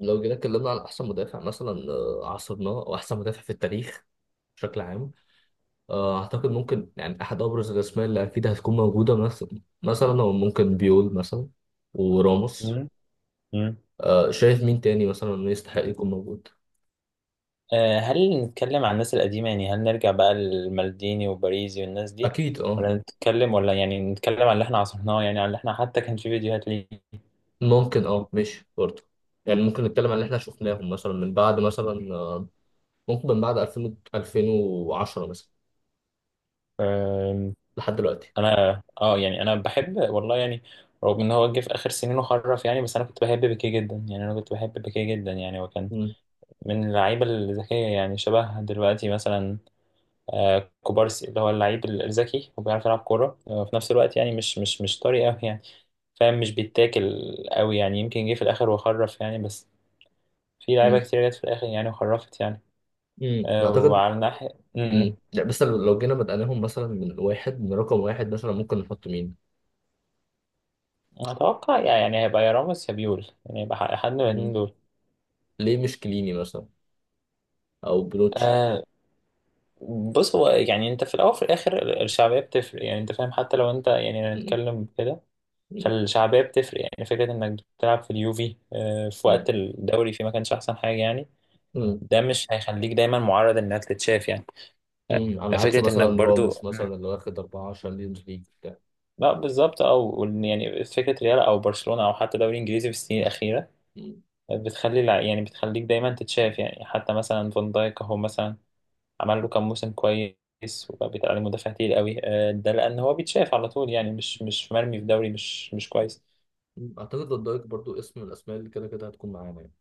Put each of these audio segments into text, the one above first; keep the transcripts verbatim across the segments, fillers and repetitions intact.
لو جينا اتكلمنا عن احسن مدافع مثلا آه، عصرناه او احسن مدافع في التاريخ بشكل عام. آه، اعتقد ممكن يعني احد ابرز الاسماء اللي اكيد هتكون موجوده مثلا مثلا هو ممكن بيول مثلا وراموس. مم. مم. آه، شايف مين تاني مثلا انه يستحق يكون موجود؟ آه، هل نتكلم عن الناس القديمة؟ يعني هل نرجع بقى للمالديني وباريزي والناس دي، اكيد اه. ولا نتكلم، ولا يعني نتكلم عن اللي احنا عاصرناه، يعني عن اللي احنا حتى كان في فيديوهات ليه. ممكن اه، ماشي برضه. يعني ممكن نتكلم عن اللي احنا شفناهم مثلا من بعد مثلا آه، ممكن من بعد الفين ألفين وعشرة مثلا آم، لحد دلوقتي. انا اه يعني انا بحب والله، يعني رغم ان هو جه في اخر سنين وخرف، يعني بس انا كنت بحب بيكيه جدا. يعني انا كنت بحب بيكيه جدا يعني هو كان مم. من اللعيبة الذكية، يعني شبه دلوقتي مثلا آه، كوبارسي، اللي هو اللعيب الذكي وبيعرف يلعب كورة آه، في نفس الوقت. يعني مش مش مش طري قوي، يعني فاهم، مش بيتاكل قوي. يعني يمكن جه في الاخر وخرف يعني، بس في لعيبه مم. كتير جت في الاخر يعني وخرفت يعني. مم. آه، اعتقد. وعلى الناحيه م- م. مم. لا، بس لو لو جينا بدأناهم مثلا من واحد من رقم واحد مثلا ممكن نحط مين؟ اتوقع يعني هيبقى يا راموس يا بيول، يعني هيبقى ح- حد من الاثنين مم. دول. ليه مش كليني مثلا أو بلوتشي؟ آه، بص، هو يعني انت في الاول وفي الاخر ال- الشعبيه بتفرق، يعني انت فاهم، حتى لو انت يعني مم. هنتكلم كده، مم. فالشعبيه بتفرق. يعني فكره انك بتلعب في اليوفي آه، في وقت مم. الدوري فيه ما كانش احسن حاجه يعني، مم. ده مش هيخليك دايما معرض انك تتشاف يعني. مم. على عكس فكره انك مثلا برضو راموس مثلا اللي واخد أربعة شامبيونز ليج بتاع. لا بالظبط، او يعني فكره ريال او برشلونه او حتى دوري انجليزي في السنين الاخيره مم. بتخلي الع- يعني بتخليك دايما تتشاف يعني. حتى مثلا فان دايك اهو مثلا، عمل له كام موسم كويس وبقى بيتقال عليه مدافع تقيل قوي. آه، ده لان هو بيتشاف على طول، يعني مش مش مرمي في دوري مش مش كويس. مم. أعتقد فان دايك برضو اسم من الأسماء اللي كده كده هتكون معانا يعني.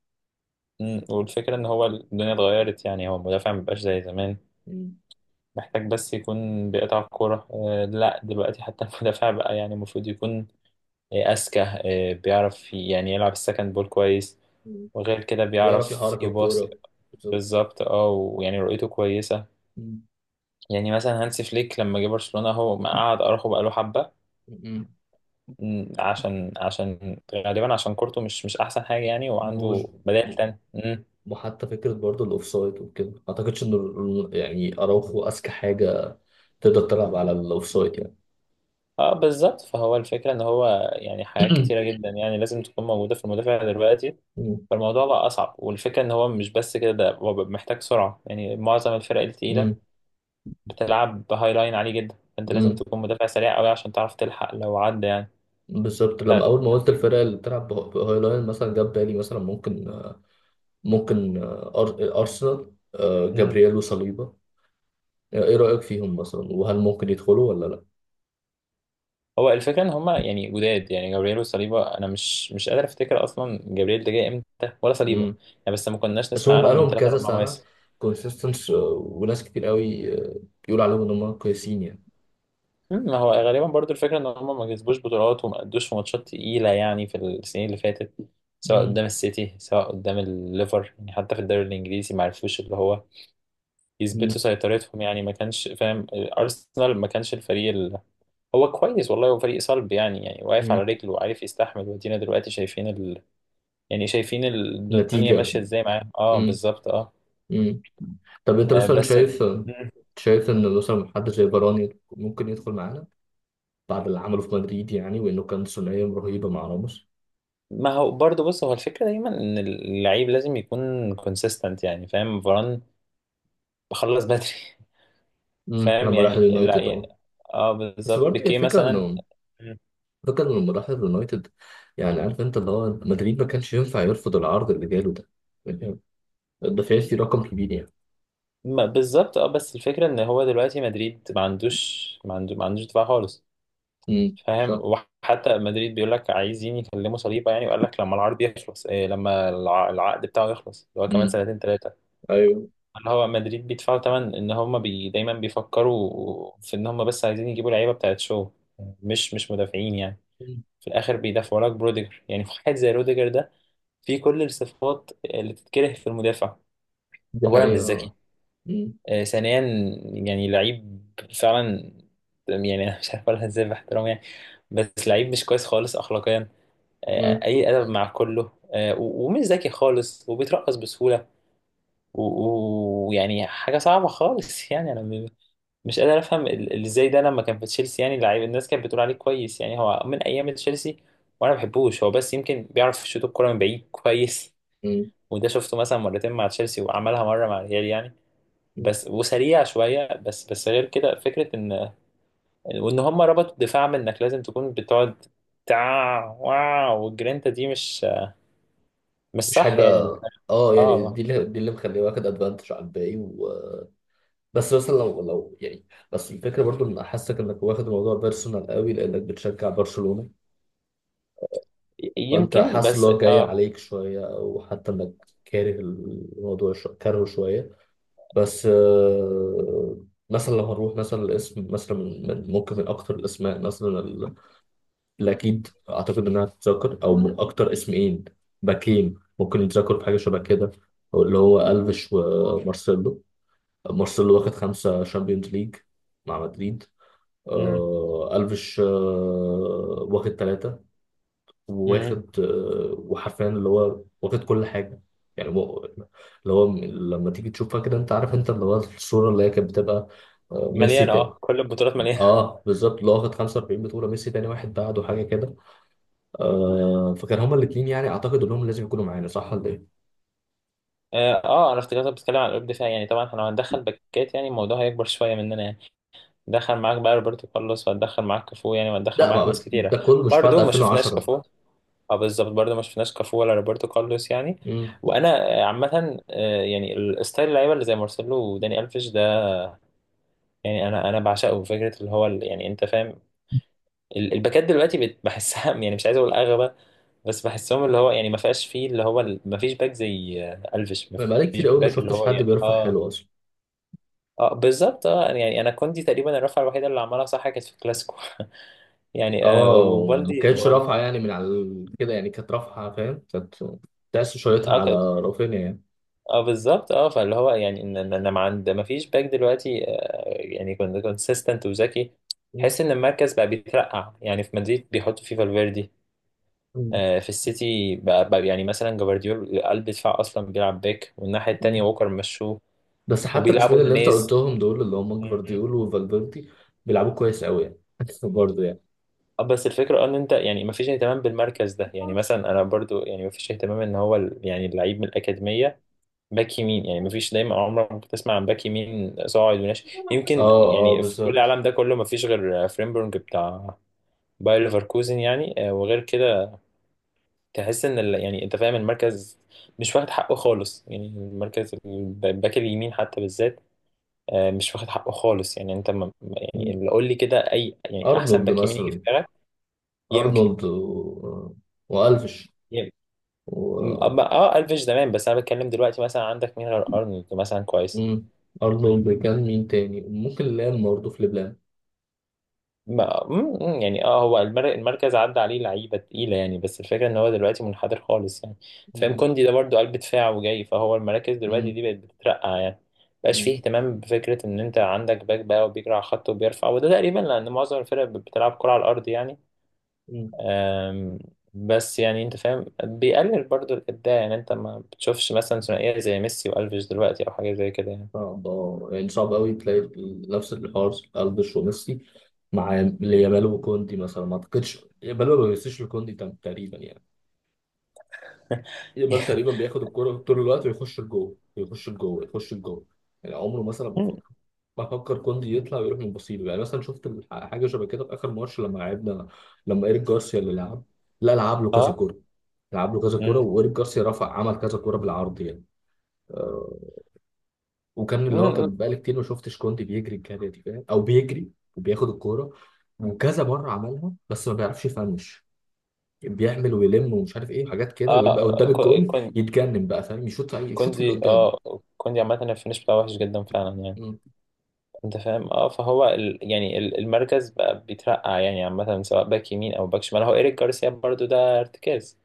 مم، والفكره ان هو الدنيا اتغيرت. يعني هو المدافع مبقاش زي زمان، مم. محتاج بس يكون بيقطع الكوره. آه، لا دلوقتي حتى المدافع بقى يعني المفروض يكون إيه، أذكى، إيه، بيعرف ي- يعني يلعب السكند بول كويس، مم. وغير كده بيعرف بيعرف يحرك يباص. الكورة. بالظبط. بالظبط، اه، ويعني رؤيته كويسة. مم. يعني مثلا هانسي فليك لما جه برشلونة هو ما قعد أراخو بقاله حبة. مم. مم، عشان عشان غالبا عشان كورته مش مش أحسن حاجة يعني، وج- وعنده بدائل تانية. مم. وحتى فكرة برضو الأوفسايد وكده ما أعتقدش إن ال- يعني أراوخو أذكى حاجة تقدر تلعب على الاوفسايد يعني. اه بالظبط، فهو الفكرة ان هو يعني حاجات كتيرة جدا يعني لازم تكون موجودة في المدافع دلوقتي، مم. فالموضوع بقى أصعب. والفكرة ان هو مش بس كده، ده هو محتاج سرعة. يعني معظم الفرق التقيلة مم. بتلعب هاي لاين عالي جدا، فانت لازم مم. تكون مدافع سريع قوي عشان تعرف تلحق لو عدى يعني. بالظبط، ف... لما اول ما قلت الفرق اللي بتلعب بهو- بهايلاين مثلا جاب بالي مثلا ممكن آه، ممكن آه، أر- ارسنال آه، مم. جابرييل وصليبا. آه، ايه رايك فيهم مثلا وهل ممكن يدخلوا ولا لا؟ هو الفكره ان هما يعني جداد، يعني جابرييل وصليبا، انا مش مش قادر افتكر اصلا جابرييل ده جاي امتى ولا صليبا مم. يعني. بس ما كناش بس نسمع هم عنهم من بقالهم ثلاث كذا اربع سنه مواسم. كونسيستنس، وناس كتير قوي آه، بيقول عليهم ان هم كويسين يعني. مم، ما هو غالبا برضو الفكره ان هما ما كسبوش بطولات، وما ادوش في ماتشات تقيله يعني في السنين اللي فاتت، سواء مم. قدام السيتي سواء قدام الليفر. يعني حتى في الدوري الانجليزي ما عرفوش اللي هو يثبتوا مم. سيطرتهم يعني. ما كانش فاهم، آه، ارسنال ما كانش الفريق هو كويس والله، هو فريق صلب، يعني يعني واقف على مم. رجله وعارف يستحمل. وادينا دلوقتي شايفين ال... يعني شايفين الدنيا نتيجه. ماشية ازاي معاه. اه مم. بالظبط اه. مم. طب انت آه، مثلا بس ال- شايف مم. شايف ان مثلا حد زي فاران ممكن يدخل معانا بعد اللي عمله في مدريد، يعني وانه كان ثنائيه رهيبه مع راموس. ما هو برضه، بص، هو الفكرة دايما ان اللعيب لازم يكون كونسيستنت يعني، فاهم. فران بخلص بدري مم. فاهم لما راح يعني، لا اليونايتد اه. يعني اه بس بالظبط، برضه هي بيكيه الفكره مثلا. انه مم. فكرة انه لما راح اليونايتد، يعني عارف انت اللي هو مدريد ما كانش ينفع يرفض العرض اللي جاله ده، يعني ده فيه فيه رقم كبير يعني. ما بالظبط اه، بس الفكرة ان هو دلوقتي مدريد ما عندوش ما عنده ما عندوش دفاع خالص، امم فاهم. صح. وحتى مدريد بيقول لك عايزين يكلموا صليبه يعني، وقال لك لما العرض يخلص، إيه لما الع- العقد بتاعه يخلص، اللي هو امم كمان سنتين ثلاثه. ايوه. اللي هو مدريد بيدفعوا ثمن ان هم بي دايما بيفكروا في ان هم بس عايزين يجيبوا لعيبه بتاعت شو، مش مش مدافعين يعني. مم. في الاخر بيدافعوا لك بروديجر. يعني واحد زي روديجر ده فيه كل الصفات اللي تتكره في المدافع. دي اولا مش حقيقة ذكي. اه. مم. آه، ثانيا يعني لعيب فعلا، يعني انا مش عارف اقولها ازاي باحترام يعني، بس لعيب مش كويس خالص اخلاقيا. آه، مم. اي ادب مع كله. آه، و- ومش ذكي خالص، وبيترقص بسهوله، و- و- ويعني حاجه صعبه خالص يعني انا م- مش قادر افهم ال- ال- ازاي ده لما كان في تشيلسي يعني لعيب الناس كانت بتقول عليه كويس. يعني هو من ايام تشيلسي وانا ما بحبوش، هو بس يمكن بيعرف يشوط الكوره من بعيد كويس. مم. وده شفته مثلا مرتين مع تشيلسي، وعملها مره مع الريال يعني مم. بس. وسريع شويه بس، بس غير كده فكره ان وان هم ربطوا الدفاع من انك لازم تكون بتقعد تع واو، والجرينتا دي مش مش مش صح حاجة. يعني. اه، يعني اه دي اللي دي اللي مخليه واخد ادفانتج على الباقي و. بس مثلا لو لو يعني، بس الفكرة برضو ان حاسك انك واخد الموضوع بيرسونال قوي لانك بتشجع برشلونة. ي- فانت يمكن حاسس ان بس هو جاي اه. عليك شويه، او حتى انك كاره الموضوع شو... كارهه شويه. بس، آه، مثلا لو هنروح مثلا الاسم مثلا من من- ممكن من اكتر الاسماء مثلا ال- اللي اكيد اعتقد انها تتذكر، او من اكتر اسمين باكين ممكن يتذكروا بحاجه شبه كده، أو اللي هو الفيش ومارسيلو. مارسيلو واخد خمسه شامبيونز ليج مع مدريد. مم. آه، الفيش آه، واخد ثلاثه، مم. واخد آه، وحرفيا اللي هو واخد كل حاجة. يعني هو اللي هو م- لما تيجي تشوفها كده، انت عارف انت اللي هو الصورة اللي هي كانت بتبقى آه، ميسي مليانة تاني. اه، كل البطولات مليانة. اه بالظبط، اللي هو واخد خمسة وأربعين بطولة. ميسي تاني واحد بعده حاجة كده. آه فكان هما الاتنين، يعني اعتقد انهم لازم يكونوا معانا صح ولا ايه؟ اه، آه، انا افتكرتك بتتكلم عن قلوب دفاع يعني، طبعا احنا لو هندخل باكات يعني الموضوع هيكبر شوية مننا يعني. دخل معاك بقى روبرتو كارلوس، وهتدخل معاك كافو يعني، وهتدخل لا، ما معاك ناس بت- ده كتيرة. كله مش بعد برضو ما شفناش ألفين وعشرة. كافو. اه بالظبط، برضو ما شفناش كافو ولا روبرتو كارلوس يعني. امم وانا آه، عامة آه، يعني الستايل اللعيبة اللي زي مارسيلو وداني الفيش ده، يعني انا انا بعشقه. فكرة اللي هو ال- يعني انت فاهم، ال- الباكات دلوقتي بت- بحسها يعني مش عايز اقول اغبى، بس بحسهم اللي هو يعني ما فيهاش فيه اللي هو ال- ما فيش باك زي آه، الفيش، ما انا بقالي فيش كتير قوي ما باك اللي شفتش هو حد يعني بيرفع اه. حلو اصلا. اه بالظبط اه، يعني يعني انا كوندي تقريبا الرفعه الوحيده اللي عملها صح كانت في الكلاسيكو يعني آه، اه، وما وبالدي كانتش رافعة يعني من على ال- كده، يعني كانت رافعة فاهم، كانت تحس شايطها اه على ك- رافينيا يعني. اه بالظبط اه، فاللي هو يعني ان ان انا ما عند ما فيش باك دلوقتي آه يعني كنت كونسيستنت وذكي. تحس ان المركز بقى بيترقع يعني، في مدريد بيحطوا فيه فالفيردي، مم. آه، في السيتي بقى بقى يعني مثلا جفارديول قلب دفاع اصلا بيلعب باك، والناحيه التانيه مم. ووكر مشوه، بس حتى الاسمين وبيلعبوا اللي انت نونيز. قلتهم دول اللي هم مم. جفارديول وفالفيردي بيلعبوا كويس قوي يعني. برضه يعني. آه، بس الفكره ان انت يعني مفيش اهتمام بالمركز ده. يعني مثلا انا برضو يعني مفيش اهتمام ان هو ال- يعني اللعيب من الاكاديميه باك يمين، يعني مفيش دايما، عمرك ما بتسمع عن باك يمين صاعد وناشئ، يمكن اه، اه، يعني في كل بالظبط. العالم ده كله مفيش غير آه، فريمبونج بتاع باير ليفركوزن يعني. آه، وغير كده تحس ان ال... يعني انت فاهم، المركز مش واخد حقه خالص. يعني المركز الب- الباك اليمين حتى بالذات، آه، مش واخد حقه خالص. يعني انت ما... ما- يعني مم. اللي قول لي كده اي يعني احسن ارنولد باك يمين يجي في مثلا. دماغك. يمكن. ارنولد و، والفش يمكن و، اه، آه، آه، الفيش زمان، بس انا بتكلم دلوقتي مثلا عندك مين غير ارنولد مثلا كويس؟ مم. ارنولد كان مين تاني ممكن؟ لام برضه، في لبلان. ما مم، يعني اه، هو المر- المركز عدى عليه لعيبه تقيله يعني، بس الفكره ان هو دلوقتي منحدر خالص يعني. أنت فاهم، مم. كوندي ده برضو قلب دفاع وجاي، فهو المراكز دلوقتي مم. دي بقت بتترقع يعني. مبقاش مم. فيه اهتمام بفكره ان انت عندك باك بقى وبيجري على الخط وبيرفع، وده تقريبا لان معظم الفرق بتلعب كره على الارض يعني. مم. أم، بس يعني انت فاهم، بيقلل برضو الابداع. يعني انت ما بتشوفش مثلا ثنائيه زي ميسي والفيش دلوقتي، او حاجه زي كده يعني. صعب آه. يعني صعب قوي تلاقي نفس الحوار الفش وميسي مع يامال وكوندي مثلا. ما اعتقدش يامال ما بيمسيش لكوندي تم- تقريبا يعني. يامال تقريبا بياخد الكرة طول الوقت، ويخش لجوه يخش لجوه يخش لجوه. يعني عمره مثلا ما فكر بفكر كوندي يطلع ويروح من بصيله يعني. مثلا شفت الح- حاجه شبه كده في اخر ماتش لما لعبنا، لما ايريك جارسيا اللي لعب، لا، لعب له كذا اه. كوره لعب له كذا كوره، مم. وايريك جارسيا رفع عمل كذا كوره بالعرض يعني. آه، وكان مم. اللي هو مم. كان بقالي كتير ما شفتش كوندي بيجري الجري دي فاهم، او بيجري وبياخد الكوره. وكذا مره عملها بس ما بيعرفش يفنش، بيعمل ويلم ومش عارف ايه حاجات كده، ويبقى اه قدام كو- الجون كون- يتجنن بقى فاهم، يشوط في- يشوط في اللي كوندي اه، قدامه. كوندي عامة الفينش بتاعه وحش جدا فعلا يعني، مم. انت فاهم اه. فهو ال... يعني ال- المركز بقى بيترقع يعني، عامة سواء باك يمين او باك شمال. هو ايريك جارسيا برضو ده ارتكاز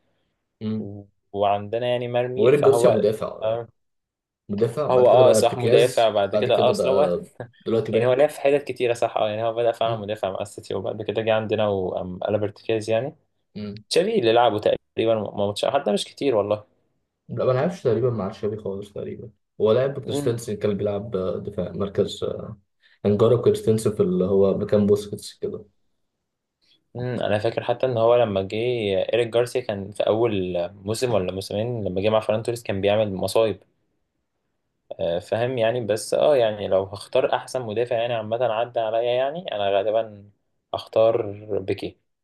مم. و... وعندنا يعني مرمي، وإيريك جارسيا فهو مدافع يعني. آه. مدافع بعد هو كده اه بقى صح، مدافع ارتكاز، بعد بعد كده اه. كده اصل هو بقى دلوقتي يعني هو لعب باك. في حتت كتيرة صح اه، يعني هو بدأ فعلا مم. مدافع مع السيتي، وبعد كده جه عندنا وقلب ارتكاز يعني. مم. تشافي اللي لعبه تقريبا ماتش، حتى مش كتير والله. لا، ما لعبش تقريبا مع تشافي خالص تقريبا. هو لعب، كريستنسن كان بيلعب آه، دفاع مركز آه، انجارو كريستنسن في اللي هو مكان بوسكيتس كده امم، انا فاكر حتى ان هو لما جه ايريك جارسيا كان في اول موسم ولا موسمين، لما جه مع فران توريس كان بيعمل مصايب. آه، فاهم يعني، بس اه. يعني لو هختار احسن مدافع يعني عامه عدى عليا، يعني انا غالبا هختار بيكي